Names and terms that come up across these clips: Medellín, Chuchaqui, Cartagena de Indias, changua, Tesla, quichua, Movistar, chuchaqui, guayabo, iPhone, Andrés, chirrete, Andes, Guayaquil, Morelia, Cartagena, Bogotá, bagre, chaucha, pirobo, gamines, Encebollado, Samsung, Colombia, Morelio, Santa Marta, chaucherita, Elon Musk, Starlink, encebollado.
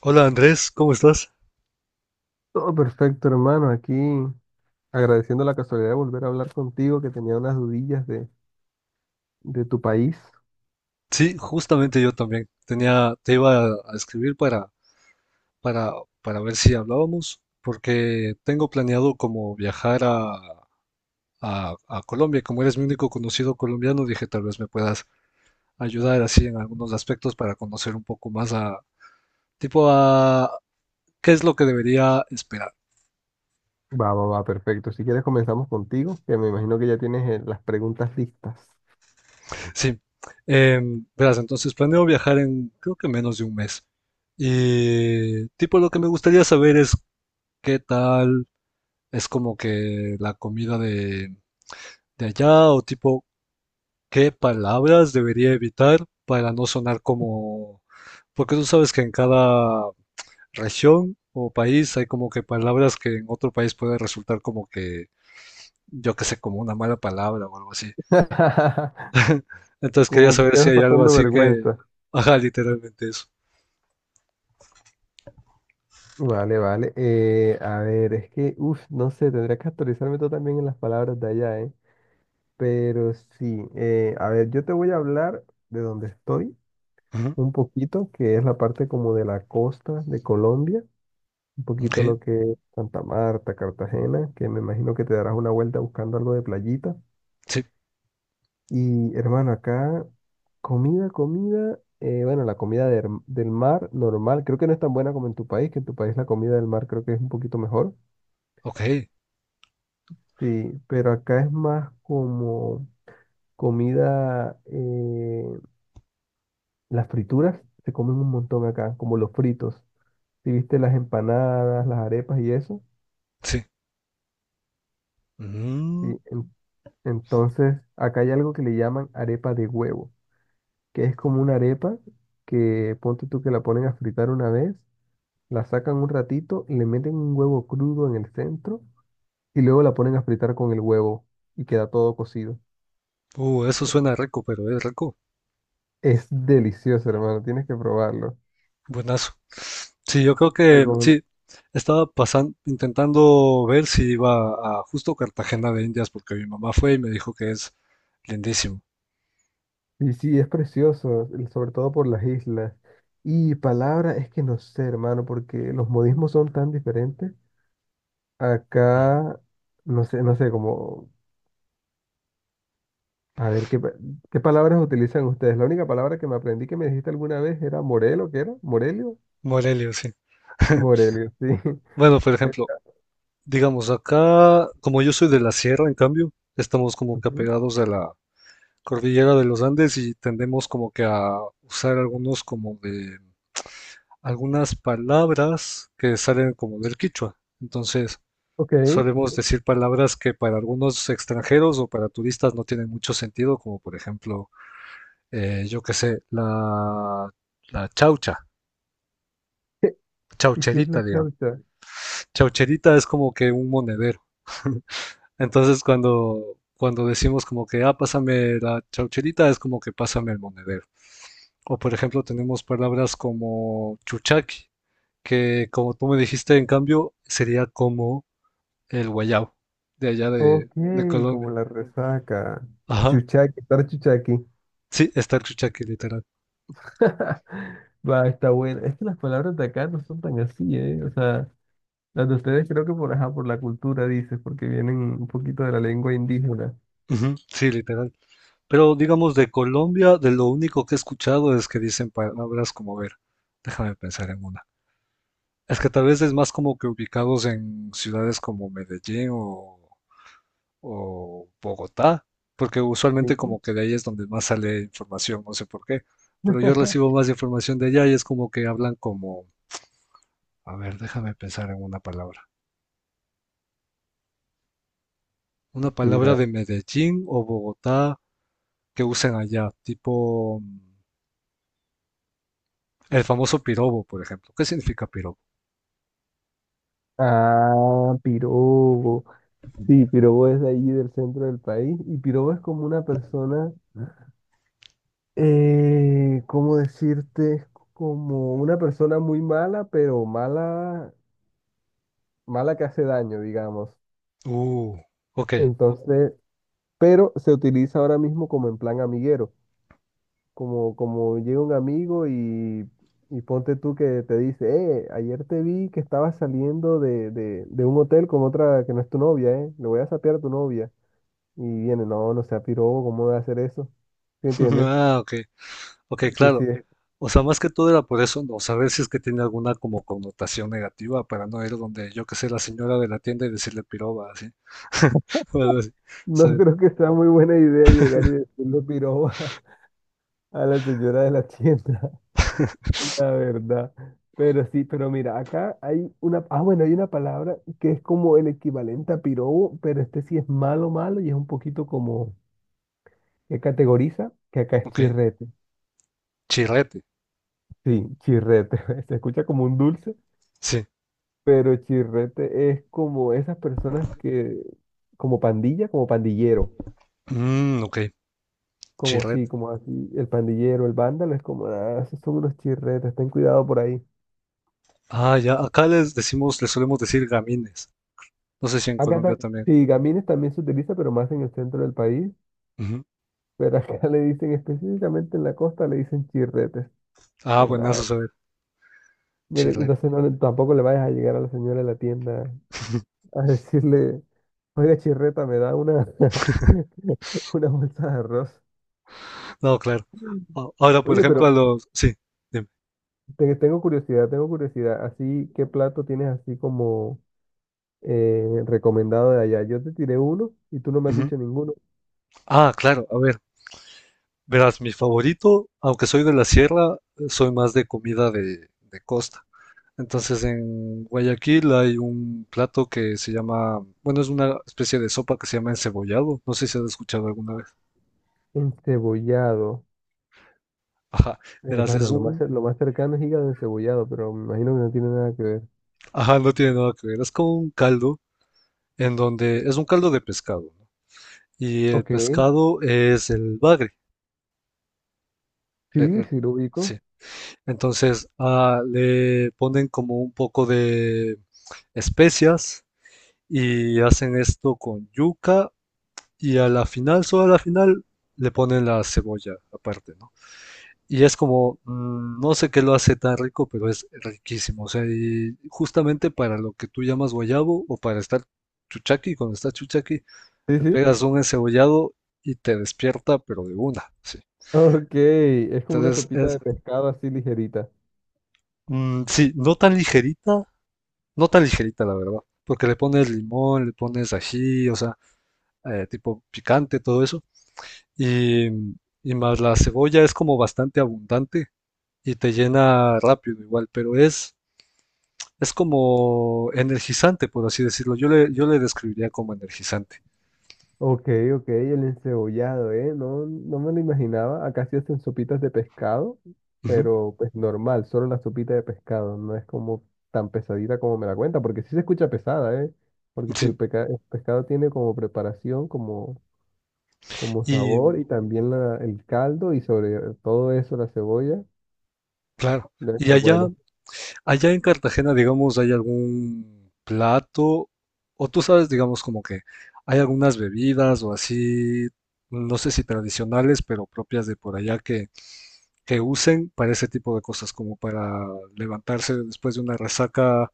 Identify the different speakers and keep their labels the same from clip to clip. Speaker 1: Hola Andrés, ¿cómo estás?
Speaker 2: Todo perfecto, hermano. Aquí agradeciendo la casualidad de volver a hablar contigo, que tenía unas dudillas de tu país.
Speaker 1: Sí, justamente yo también. Tenía, te iba a escribir para, para, para ver si hablábamos, porque tengo planeado como viajar a Colombia. Como eres mi único conocido colombiano, dije tal vez me puedas ayudar así en algunos aspectos para conocer un poco más a, tipo a, qué es lo que debería esperar.
Speaker 2: Perfecto. Si quieres comenzamos contigo, que me imagino que ya tienes las preguntas listas.
Speaker 1: Sí, verás, entonces planeo viajar en, creo que menos de un mes. Y tipo lo que me gustaría saber es qué tal. Es como que la comida de allá o tipo, ¿qué palabras debería evitar para no sonar como... Porque tú sabes que en cada región o país hay como que palabras que en otro país puede resultar como que, yo qué sé, como una mala palabra o algo así? Entonces quería
Speaker 2: Como que
Speaker 1: saber si
Speaker 2: quedas
Speaker 1: hay algo
Speaker 2: pasando
Speaker 1: así que...
Speaker 2: vergüenza.
Speaker 1: Ajá, literalmente eso.
Speaker 2: Vale. A ver, es que, uff, no sé, tendría que actualizarme tú también en las palabras de allá, ¿eh? Pero sí, a ver, yo te voy a hablar de donde estoy
Speaker 1: Ujú.
Speaker 2: un poquito, que es la parte como de la costa de Colombia. Un
Speaker 1: Ok,
Speaker 2: poquito lo que es Santa Marta, Cartagena, que me imagino que te darás una vuelta buscando algo de playita.
Speaker 1: sí.
Speaker 2: Y hermano, acá comida, bueno, la comida del mar normal, creo que no es tan buena como en tu país, que en tu país la comida del mar creo que es un poquito mejor.
Speaker 1: Ok,
Speaker 2: Sí, pero acá es más como comida, las frituras se comen un montón acá, como los fritos. Si viste las empanadas, las arepas y eso.
Speaker 1: sí. Mm.
Speaker 2: Sí. Entonces, acá hay algo que le llaman arepa de huevo, que es como una arepa que ponte tú que la ponen a fritar una vez, la sacan un ratito, le meten un huevo crudo en el centro y luego la ponen a fritar con el huevo y queda todo cocido.
Speaker 1: Eso suena rico, pero es rico.
Speaker 2: Es delicioso, hermano, tienes que probarlo.
Speaker 1: Buenazo. Sí, yo creo que
Speaker 2: Recomen-
Speaker 1: sí, estaba pasando, intentando ver si iba a justo Cartagena de Indias, porque mi mamá fue y me dijo que es lindísimo.
Speaker 2: Y sí, es precioso, sobre todo por las islas. Y palabra, es que no sé, hermano, porque los modismos son tan diferentes.
Speaker 1: Ujú.
Speaker 2: Acá, no sé, como a ver, ¿qué palabras utilizan ustedes? La única palabra que me aprendí que me dijiste alguna vez era Morelo, ¿qué era? ¿Morelio?
Speaker 1: Morelia, sí.
Speaker 2: Morelio, sí.
Speaker 1: Bueno, por
Speaker 2: Eh,
Speaker 1: ejemplo, digamos acá, como yo soy de la sierra, en cambio, estamos como que
Speaker 2: ujú.
Speaker 1: apegados a la cordillera de los Andes y tendemos como que a usar algunos como de algunas palabras que salen como del quichua. Entonces,
Speaker 2: Ok.
Speaker 1: solemos decir palabras que para algunos extranjeros o para turistas no tienen mucho sentido, como por ejemplo, yo qué sé, la chaucha,
Speaker 2: ¿Y qué es la
Speaker 1: chaucherita, digamos.
Speaker 2: chaucha?
Speaker 1: Chaucherita es como que un monedero. Entonces cuando decimos como que, ah, pásame la chaucherita, es como que pásame el monedero. O por ejemplo, tenemos palabras como chuchaqui, que como tú me dijiste, en cambio, sería como el guayabo de allá
Speaker 2: Ok,
Speaker 1: de Colombia.
Speaker 2: como la resaca.
Speaker 1: Ajá.
Speaker 2: Chuchaqui, estar chuchaqui.
Speaker 1: Sí, está el chuchaque, literal.
Speaker 2: Va, está buena. Es que las palabras de acá no son tan así, ¿eh? O sea, las de ustedes creo que por, ajá, por la cultura, dices, porque vienen un poquito de la lengua indígena.
Speaker 1: Ujú. Sí, literal. Pero digamos, de Colombia, de lo único que he escuchado es que dicen palabras como, a ver, déjame pensar en una. Es que tal vez es más como que ubicados en ciudades como Medellín o Bogotá, porque usualmente
Speaker 2: Sí.
Speaker 1: como que de ahí es donde más sale información, no sé por qué. Pero yo recibo más información de allá y es como que hablan como, a ver, déjame pensar en una palabra. Una
Speaker 2: Sí,
Speaker 1: palabra
Speaker 2: la...
Speaker 1: de Medellín o Bogotá que usen allá, tipo... El famoso pirobo, por ejemplo. ¿Qué significa pirobo?
Speaker 2: Ah, pirobo. Sí, Pirobo es de allí del centro del país y Pirobo es como una persona, ¿cómo decirte? Es como una persona muy mala, pero mala, mala que hace daño, digamos.
Speaker 1: Uh, ok.
Speaker 2: Entonces, pero se utiliza ahora mismo como en plan amiguero, como llega un amigo y ponte tú que te dice, ayer te vi que estabas saliendo de un hotel con otra que no es tu novia, le voy a sapear a tu novia. Y viene, no, no sea Pirobo, ¿cómo va a hacer eso? ¿Sí entiendes?
Speaker 1: Ah, ok. Ok,
Speaker 2: Sí, sí.
Speaker 1: claro. O sea, más que todo era por eso, no saber si es que tiene alguna como connotación negativa para no ir donde, yo que sé, la señora de la tienda y decirle piroba, así. O algo así.
Speaker 2: No
Speaker 1: ¿Sabes?
Speaker 2: creo que sea muy buena idea llegar y decirle piroba a la señora de la tienda, la verdad. Pero sí, pero mira, acá hay una, ah, bueno, hay una palabra que es como el equivalente a pirobo, pero este sí es malo, malo y es un poquito como que categoriza, que acá es
Speaker 1: Ok.
Speaker 2: chirrete.
Speaker 1: Chirrete.
Speaker 2: Sí, chirrete. Se escucha como un dulce,
Speaker 1: Sí.
Speaker 2: pero chirrete es como esas personas que, como pandilla, como pandillero.
Speaker 1: Mm, ok.
Speaker 2: Como
Speaker 1: Chirrete.
Speaker 2: sí, como así, el pandillero, el vándalo, es como, ah, esos son unos chirretes, ten cuidado por ahí.
Speaker 1: Ah, ya. Acá les decimos, les solemos decir gamines. No sé si en
Speaker 2: Acá ta-
Speaker 1: Colombia también.
Speaker 2: sí, gamines también se utiliza, pero más en el centro del país,
Speaker 1: Ujú.
Speaker 2: pero acá le dicen específicamente en la costa, le dicen chirretes.
Speaker 1: Ah,
Speaker 2: Como nada,
Speaker 1: buenazo saber.
Speaker 2: mira,
Speaker 1: Chirrete.
Speaker 2: entonces no, tampoco le vayas a llegar a la señora de la tienda a decirle, oiga chirreta, me da una, una bolsa de arroz.
Speaker 1: No, claro. A- ahora, por
Speaker 2: Oye, pero
Speaker 1: ejemplo, a
Speaker 2: claro,
Speaker 1: los... Sí.
Speaker 2: tengo curiosidad, así, ¿qué plato tienes así como... recomendado de allá? Yo te tiré uno y tú no me has
Speaker 1: Dime.
Speaker 2: dicho ninguno.
Speaker 1: Ah, claro, a ver, verás, mi favorito, aunque soy de la sierra, soy más de comida de costa. Entonces en Guayaquil hay un plato que se llama, bueno, es una especie de sopa que se llama encebollado, no sé si has escuchado alguna vez.
Speaker 2: Encebollado.
Speaker 1: Ajá, verás,
Speaker 2: Hermano,
Speaker 1: es un,
Speaker 2: lo más cercano es hígado encebollado, pero me imagino que no tiene nada que ver.
Speaker 1: ajá, no tiene nada que ver, es como un caldo en donde, es un caldo de pescado, ¿no? Y el
Speaker 2: Ok,
Speaker 1: pescado es el bagre, eh,
Speaker 2: sí,
Speaker 1: eh,
Speaker 2: sí lo ubico.
Speaker 1: sí. Entonces ah, le ponen como un poco de especias y hacen esto con yuca y a la final, solo a la final, le ponen la cebolla aparte, ¿no? Y es como, mm, no sé qué lo hace tan rico, pero es riquísimo. O sea, y justamente para lo que tú llamas guayabo o para estar chuchaqui, cuando estás chuchaqui,
Speaker 2: Sí,
Speaker 1: te
Speaker 2: sí.
Speaker 1: pegas un encebollado y te despierta, pero de una, sí.
Speaker 2: Ok, es como una
Speaker 1: Entonces
Speaker 2: sopita
Speaker 1: es,
Speaker 2: de pescado así ligerita.
Speaker 1: mm, sí, no tan ligerita, la verdad, porque le pones limón, le pones ají, o sea, tipo picante, todo eso y, y más la cebolla es como bastante abundante y te llena rápido igual, pero es como energizante, por así decirlo. Yo le describiría como energizante.
Speaker 2: Ok, ok, el encebollado, ¿eh? No, no me lo imaginaba. Acá se hacen sopitas de pescado,
Speaker 1: Ujú.
Speaker 2: pero pues normal, solo la sopita de pescado. No es como tan pesadita como me la cuenta, porque sí se escucha pesada, ¿eh? Porque si
Speaker 1: Sí.
Speaker 2: el pescado tiene como preparación, como, como
Speaker 1: Y
Speaker 2: sabor y también el caldo y sobre todo eso la cebolla,
Speaker 1: claro,
Speaker 2: debe
Speaker 1: y
Speaker 2: estar
Speaker 1: allá,
Speaker 2: bueno.
Speaker 1: allá en Cartagena, digamos, hay algún plato, o tú sabes, digamos, como que hay algunas bebidas o así, no sé si tradicionales, pero propias de por allá que usen para ese tipo de cosas, como para levantarse después de una resaca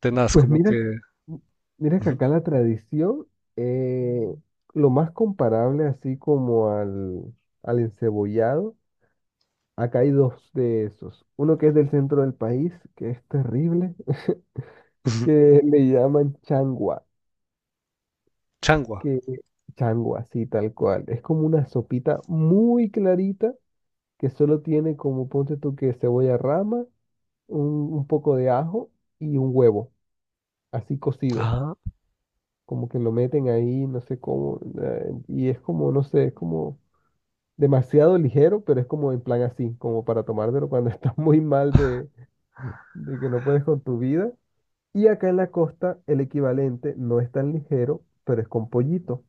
Speaker 1: tenaz,
Speaker 2: Pues
Speaker 1: como
Speaker 2: mira,
Speaker 1: que
Speaker 2: m- mira que
Speaker 1: ujú,
Speaker 2: acá la tradición, eh, lo más comparable así como al encebollado. Acá hay dos de esos. Uno que es del centro del país, que es terrible,
Speaker 1: ujú,
Speaker 2: que le llaman changua,
Speaker 1: changua,
Speaker 2: que changua, sí, tal cual. Es como una sopita muy clarita que solo tiene como, ponte tú que cebolla rama, un poco de ajo y un huevo, así cocido.
Speaker 1: ah,
Speaker 2: Como que lo meten ahí, no sé cómo, y es como, no sé, es como demasiado ligero, pero es como en plan así, como para tomártelo cuando estás muy mal de que no puedes con tu vida. Y acá en la costa el equivalente no es tan ligero, pero es con pollito,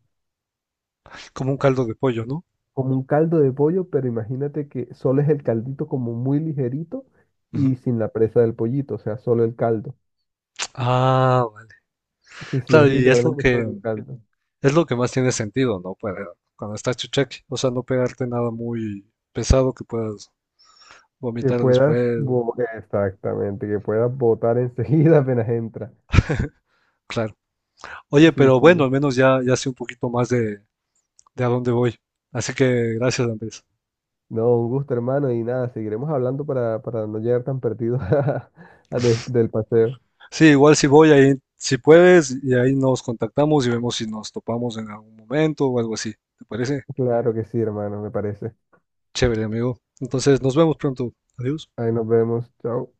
Speaker 1: como un caldo de pollo, ¿no?
Speaker 2: como un caldo de pollo, pero imagínate que solo es el caldito como muy ligerito
Speaker 1: Ujú.
Speaker 2: y sin la presa del pollito, o sea, solo el caldo.
Speaker 1: Ah, vale.
Speaker 2: Sí, sí,
Speaker 1: Claro,
Speaker 2: es literalmente solo el caldo.
Speaker 1: es lo que más tiene sentido, ¿no? Para cuando estás chucheque o sea, no pegarte nada muy pesado que puedas vomitar después,
Speaker 2: Exactamente, que puedas botar enseguida apenas entra.
Speaker 1: claro. Oye,
Speaker 2: Sí,
Speaker 1: pero bueno,
Speaker 2: sí.
Speaker 1: al menos ya sé un poquito más de a dónde voy. Así que gracias, Andrés.
Speaker 2: No, un gusto, hermano, y nada, seguiremos hablando para no llegar tan perdidos a del paseo.
Speaker 1: Sí, igual si voy ahí, si puedes, y ahí nos contactamos y vemos si nos topamos en algún momento o algo así. ¿Te parece?
Speaker 2: Claro que sí, hermano, me parece.
Speaker 1: Chévere, amigo. Entonces, nos vemos pronto. Adiós.
Speaker 2: Ahí nos vemos, chao.